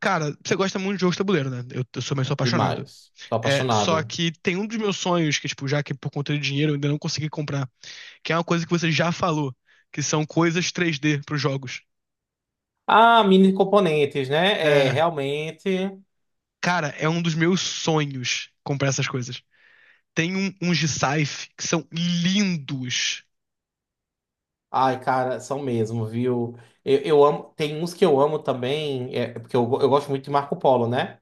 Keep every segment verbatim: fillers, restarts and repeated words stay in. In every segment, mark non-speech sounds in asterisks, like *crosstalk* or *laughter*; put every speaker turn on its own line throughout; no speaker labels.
Cara, você gosta muito de jogos de tabuleiro, né? Eu, eu sou meio apaixonado.
Demais. Tô
É, só
apaixonado.
que tem um dos meus sonhos, que, tipo, já que por conta de dinheiro eu ainda não consegui comprar, que é uma coisa que você já falou, que são coisas três D pros jogos.
Ah, mini componentes, né? É,
É,
realmente.
cara, é um dos meus sonhos comprar essas coisas. Tem um, uns de sci que são lindos.
Ai, cara, são mesmo, viu? Eu, eu amo. Tem uns que eu amo também, é, porque eu, eu gosto muito de Marco Polo, né?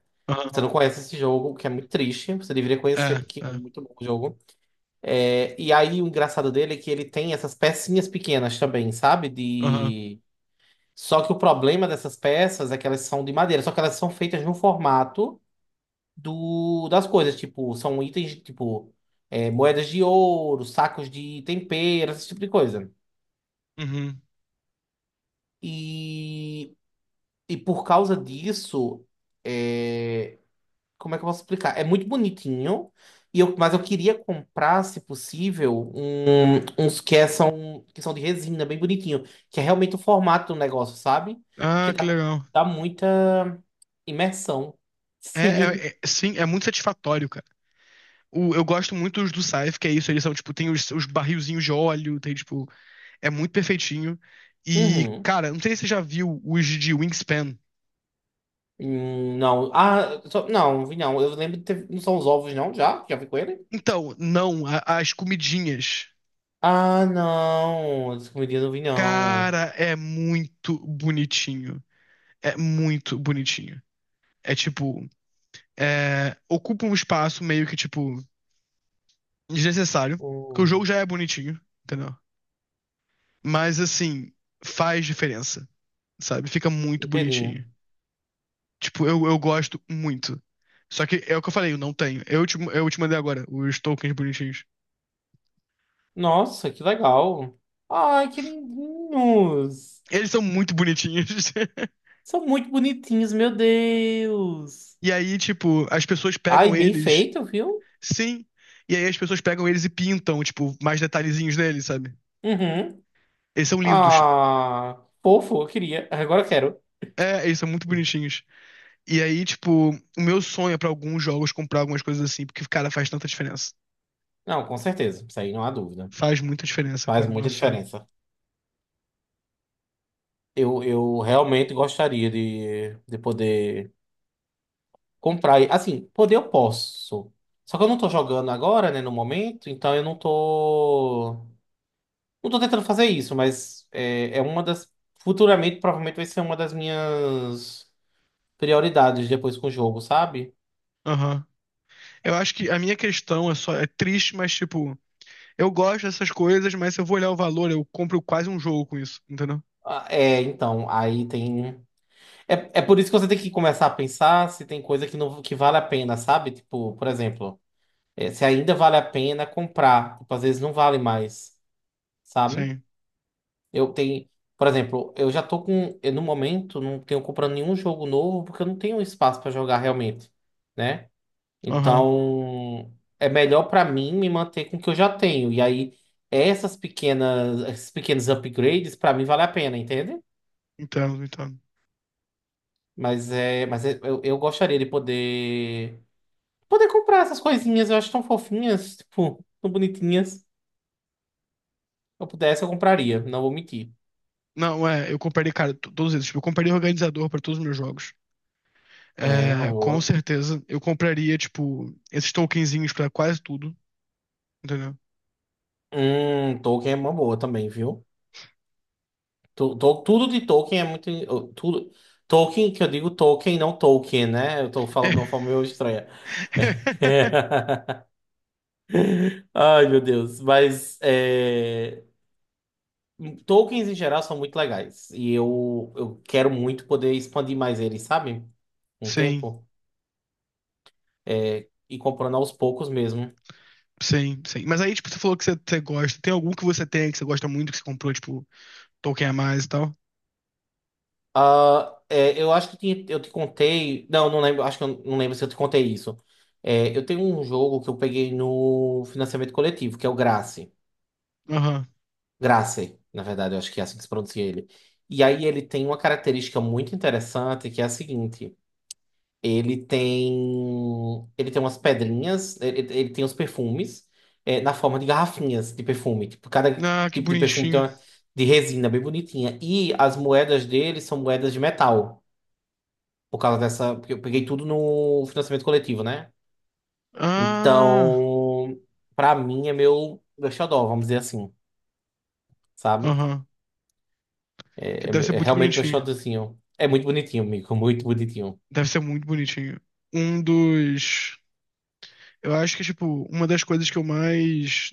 Você
Aham.
não conhece esse jogo, o que é muito triste. Você deveria conhecer,
É,
porque
é.
é muito bom o jogo. É, e aí, o engraçado dele é que ele tem essas pecinhas pequenas também, sabe?
Aham.
De... Só que o problema dessas peças é que elas são de madeira, só que elas são feitas num formato do, das coisas, tipo, são itens, tipo, é, moedas de ouro, sacos de tempero, esse tipo de coisa.
Uhum.
E, e por causa disso, é, como é que eu posso explicar? É muito bonitinho, e eu, mas eu queria comprar, se possível, um- uns que é- são, que são de resina, bem bonitinho, que é realmente o formato do negócio, sabe? Porque
Ah, que
dá,
legal.
dá muita imersão. *laughs*
É, é,
Sim.
é- sim, é muito satisfatório, cara. O- eu gosto muito dos do Scythe, que é isso, eles são, tipo, tem os, os barrilzinhos de óleo, tem, tipo, é muito perfeitinho. E,
Uhum.
cara, não sei se você já viu os de Wingspan.
Hum, Não. Ah, só- não, vi não. Eu lembro de ter... Não são os ovos, não? Já? Já vi com ele?
Então, não, a- as comidinhas.
Ah, não. Essa comidinha eu não vi, não.
Cara, é muito bonitinho. É muito bonitinho. É tipo, é, ocupa um espaço meio que, tipo, desnecessário. Porque o
Hum,
jogo já é bonitinho, entendeu? Mas, assim, faz diferença, sabe? Fica muito
inteirinho.
bonitinho. Tipo, eu, eu gosto muito. Só que é o que eu falei, eu não tenho. Eu te, eu te mandei agora os tokens bonitinhos.
Nossa, que legal. Ai, que lindinhos.
Eles são muito bonitinhos. *laughs*
São muito bonitinhos, meu Deus.
E aí, tipo, as pessoas
Ai,
pegam
bem
eles.
feito, viu?
Sim. E aí as pessoas pegam eles e pintam, tipo, mais detalhezinhos neles, sabe?
Uhum.
Eles são lindos.
Ah, fofo, eu queria. Agora eu quero.
É, eles são muito bonitinhos. E aí, tipo, o meu sonho é pra alguns jogos comprar algumas coisas assim, porque, cara, faz tanta diferença.
Não, com certeza. Isso aí não há dúvida.
Faz muita diferença,
Faz
cara.
muita
Nossa Senhora.
diferença. Eu, eu realmente gostaria de, de poder comprar. e- Assim, poder eu posso. Só que eu não tô jogando agora, né, no momento, então eu não tô. Não tô tentando fazer isso, mas é, é uma das. Futuramente, provavelmente vai ser uma das minhas prioridades depois com o jogo, sabe?
Aham. Eu acho que a minha questão é só, é triste, mas, tipo, eu gosto dessas coisas, mas se eu vou olhar o valor, eu compro quase um jogo com isso, entendeu?
Ah, É, então, aí tem. É, é por isso que você tem que começar a pensar se tem coisa que, não, que vale a pena, sabe? Tipo, por exemplo, é, se ainda vale a pena comprar. Tipo, às vezes não vale mais, sabe?
Sim.
Eu tenho, por exemplo, eu já tô com, eu, no momento não tenho comprando nenhum jogo novo porque eu não tenho espaço para jogar realmente, né?
Aham.
Então, é melhor para mim me manter com o que eu já tenho. E aí essas pequenas, esses pequenos upgrades para mim vale a pena, entende?
Então, então.
Mas é, mas é- eu, eu gostaria de poder poder comprar essas coisinhas, eu acho tão fofinhas, tipo, tão bonitinhas. Se eu pudesse, eu compraria, não vou mentir.
Não, é, eu compraria, cara, to- todos eles. Tipo, eu compraria organizador pra todos os meus jogos.
É, uma
É, com
boa.
certeza. Eu compraria, tipo, esses tokenzinhos pra quase tudo, entendeu?
Hum, Tolkien é uma boa também, viu? Tu- to- Tudo de Tolkien é muito. Tudo, Tolkien, que eu digo Tolkien, não Tolkien, né? Eu tô falando de uma forma
*laughs*
meio estranha.
É.
*laughs* Ai, meu Deus. Mas é, Tolkiens em geral são muito legais. E eu, eu quero muito poder expandir mais eles, sabe? Um
Sim,
tempo. É, e comprando aos poucos mesmo.
sim, sim. Mas aí, tipo, você falou que você, você gosta. Tem algum que você tem, que você gosta muito, que você comprou, tipo, token a mais e tal?
Ah, é, eu acho que eu te, eu te contei. Não, não lembro. Acho que eu não lembro se eu te contei isso. É, eu tenho um jogo que eu peguei no financiamento coletivo, que é o Grace.
Aham.
Gracie, na verdade, eu acho que é assim que se pronuncia ele. E aí ele tem uma característica muito interessante que é a seguinte: ele tem ele tem umas pedrinhas, ele, ele tem os perfumes é, na forma de garrafinhas de perfume. Tipo, cada
Ah, que
tipo de perfume tem
bonitinho.
uma de resina bem bonitinha. E as moedas dele são moedas de metal, por causa dessa. Porque eu peguei tudo no financiamento coletivo, né?
Ah,
Então, pra mim é meu, meu xodó, vamos dizer assim, sabe?
aham. Que
É,
deve ser
é- é
muito
realmente meu
bonitinho.
xodózinho. É muito bonitinho, amigo, muito bonitinho.
Deve ser muito bonitinho. Um dos. Eu acho que, tipo, uma das coisas que eu mais.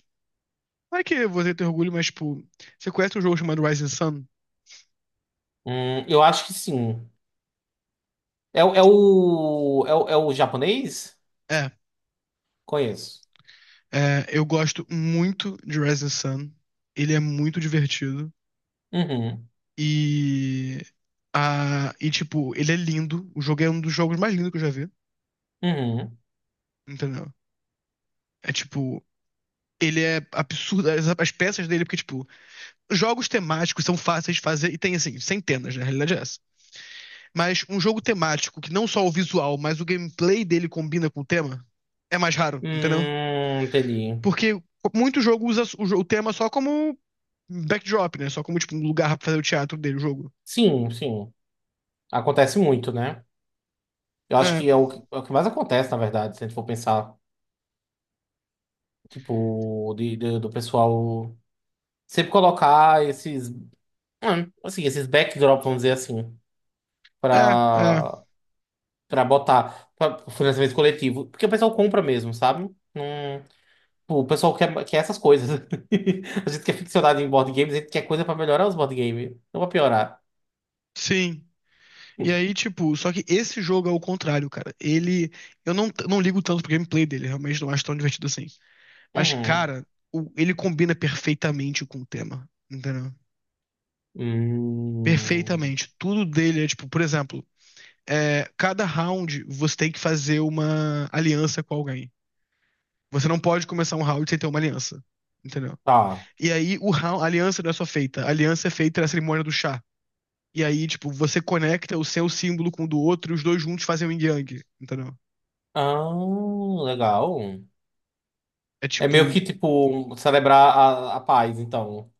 Não é que você tem orgulho, mas, tipo, você conhece um jogo chamado Rising Sun?
Hum, eu acho que sim. É, o- é o é o, é o japonês?
É.
Conheço.
É, eu gosto muito de Rising Sun. Ele é muito divertido.
Uhum,
E. A, e, tipo, ele é lindo. O jogo é um dos jogos mais lindos que eu já vi.
uhum.
Entendeu? É tipo. Ele é absurdo. As, as peças dele, porque, tipo, jogos temáticos são fáceis de fazer. E tem, assim, centenas, na realidade é essa. Mas um jogo temático que não só o visual, mas o gameplay dele combina com o tema, é mais raro, entendeu?
Hum, entendi.
Porque muito jogo usa o, jo- o tema só como backdrop, né? Só como, tipo, um lugar pra fazer o teatro dele, o jogo.
Sim, sim. Acontece muito, né? Eu acho
É,
que é o, que é o que mais acontece, na verdade, se a gente for pensar, tipo, de, de- do pessoal sempre colocar esses, hum, assim, esses backdrops, vamos dizer assim,
é, é,
pra. Pra botar pra financiamento coletivo. Porque o pessoal compra mesmo, sabe? Não- pô, o pessoal quer, quer essas coisas. *laughs* A gente que é ficcionado em board games, a gente quer coisa pra melhorar os board games. Não pra piorar.
sim. E aí, tipo, só que esse jogo é o contrário, cara. Ele. Eu não, não ligo tanto pro gameplay dele, realmente não acho tão divertido assim. Mas,
Uhum.
cara, o- ele combina perfeitamente com o tema, entendeu?
Hum,
Perfeitamente. Tudo dele é, tipo, por exemplo, é, cada round você tem que fazer uma aliança com alguém. Você não pode começar um round sem ter uma aliança, entendeu?
tá.
E aí o round, a aliança não é só feita, a aliança é feita na cerimônia do chá. E aí, tipo, você conecta o seu símbolo com o do outro e os dois juntos fazem o yin yang, entendeu?
Ah, legal.
É
É meio
tipo,
que, tipo, celebrar a, a paz, então,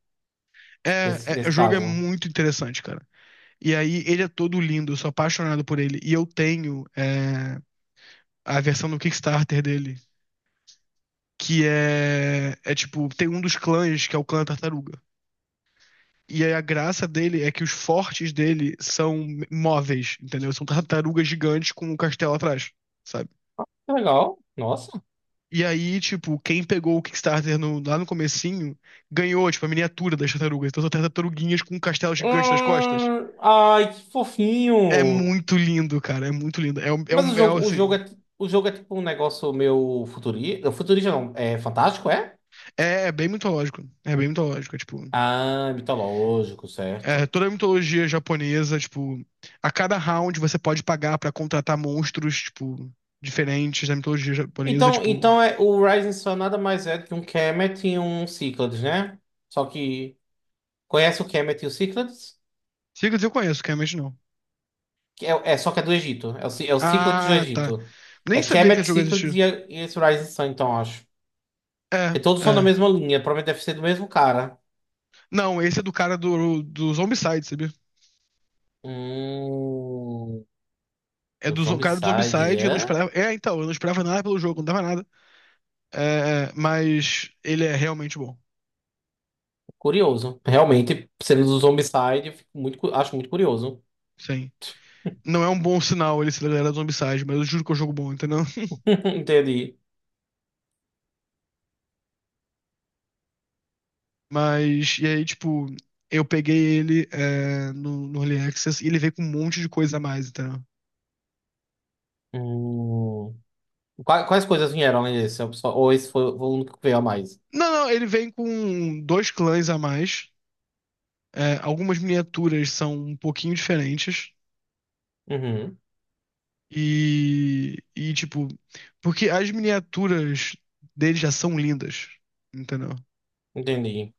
é,
nesse,
é, o
nesse
jogo é
caso.
muito interessante, cara. E aí ele é todo lindo, eu sou apaixonado por ele. E eu tenho é, a versão do Kickstarter dele, que é, é tipo, tem um dos clãs que é o clã tartaruga. E aí a graça dele é que os fortes dele são móveis, entendeu? São tartarugas gigantes com um castelo atrás, sabe?
Que legal. Nossa.
E aí, tipo, quem pegou o Kickstarter no- lá no comecinho ganhou, tipo, a miniatura das tartarugas. Então são tartaruguinhas com um castelo gigante nas costas.
Hum, ai, que
É
fofinho.
muito lindo, cara. É muito lindo. É um, é
Mas o
um, é, um,
jogo, o jogo
assim,
é, ti- o jogo é tipo um negócio meio futurista. Futurista não, é fantástico, é?
é é bem mitológico. É bem mitológico, é, tipo.
Ah, mitológico,
É,
certo.
toda a mitologia japonesa, tipo, a cada round você pode pagar pra contratar monstros, tipo, diferentes da mitologia japonesa,
Então,
tipo.
então é, o Rising Sun nada mais é do que um Kemet e um Cyclades, né? Só que. Conhece o Kemet e o Cyclades?
Secrets eu conheço, que realmente não.
Que É, é, só que é do Egito. É o, Cy- é o Cyclades do
Ah, tá.
Egito. É
Nem sabia que
Kemet,
esse jogo
Cyclades
existia.
e, é- e esse Rising Sun, então, acho.
É,
Porque todos são da
é.
mesma linha. Provavelmente deve ser do mesmo cara.
Não, esse é do cara do, do Zombicide, sabia?
Hum.
É
O
do zo- cara do Zombicide, eu não
Zombicide.
esperava. É, então, eu não esperava nada pelo jogo, não dava nada. É, mas ele é realmente bom.
Curioso. Realmente, sendo do Zombicide, eu fico muito, cu- acho muito curioso.
Sim. Não é um bom sinal ele ser da galera do Zombicide, mas eu juro que é um jogo bom, entendeu? *laughs*
*laughs* Entendi.
Mas, e aí, tipo, eu peguei ele é, no, no Early Access e ele veio com um monte de coisa a mais, entendeu?
Hum. Qua- Quais coisas vieram além desse? Eu só- Ou esse foi o único que veio a mais?
Não, não, ele vem com dois clãs a mais. É, algumas miniaturas são um pouquinho diferentes.
Uhum.
E, e, tipo, porque as miniaturas dele já são lindas, entendeu?
Entendi.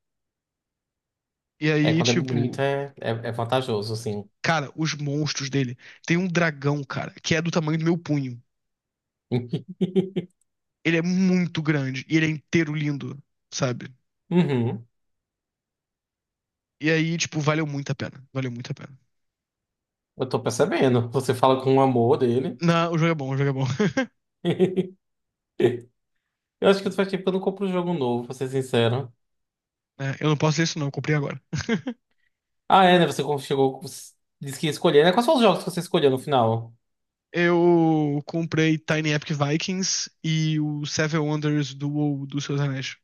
E
É,
aí,
quando é
tipo,
bonito é, é, é vantajoso, assim.
cara, os monstros dele. Tem um dragão, cara, que é do tamanho do meu punho.
*laughs*
Ele é muito grande e ele é inteiro lindo, sabe?
Uhum.
E aí, tipo, valeu muito a pena. Valeu muito a pena.
Eu tô percebendo. Você fala com o amor dele.
Não, o jogo é bom, o jogo é bom. *laughs*
*laughs* Eu acho que faz tempo que eu não compro um jogo novo, pra ser sincero.
É, eu não posso dizer isso, não, eu comprei agora.
Ah, é, né? Você chegou, disse que ia escolher, né? Quais são os jogos que você escolheu no final?
Eu comprei Tiny Epic Vikings e o Seven Wonders do, WoW, do Seus Anéis.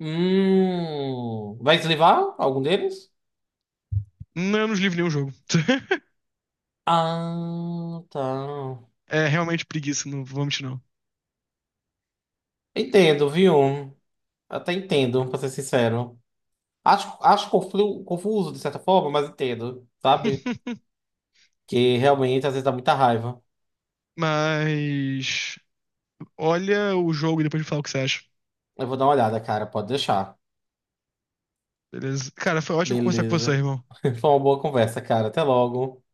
Hum, vai deslivar algum deles?
Não, eu não livro nenhum jogo. *laughs*
Ah, tá.
É realmente preguiça, não vou mentir não.
Entendo, viu? Até entendo, pra ser sincero. Acho, acho conflu- confuso, de certa forma, mas entendo, sabe?
*laughs*
Que realmente às vezes dá muita raiva.
Mas olha o jogo e depois me fala o que você acha.
Eu vou dar uma olhada, cara, pode deixar.
Beleza? Cara, foi ótimo conversar com você,
Beleza.
irmão.
*laughs* Foi uma boa conversa, cara. Até logo.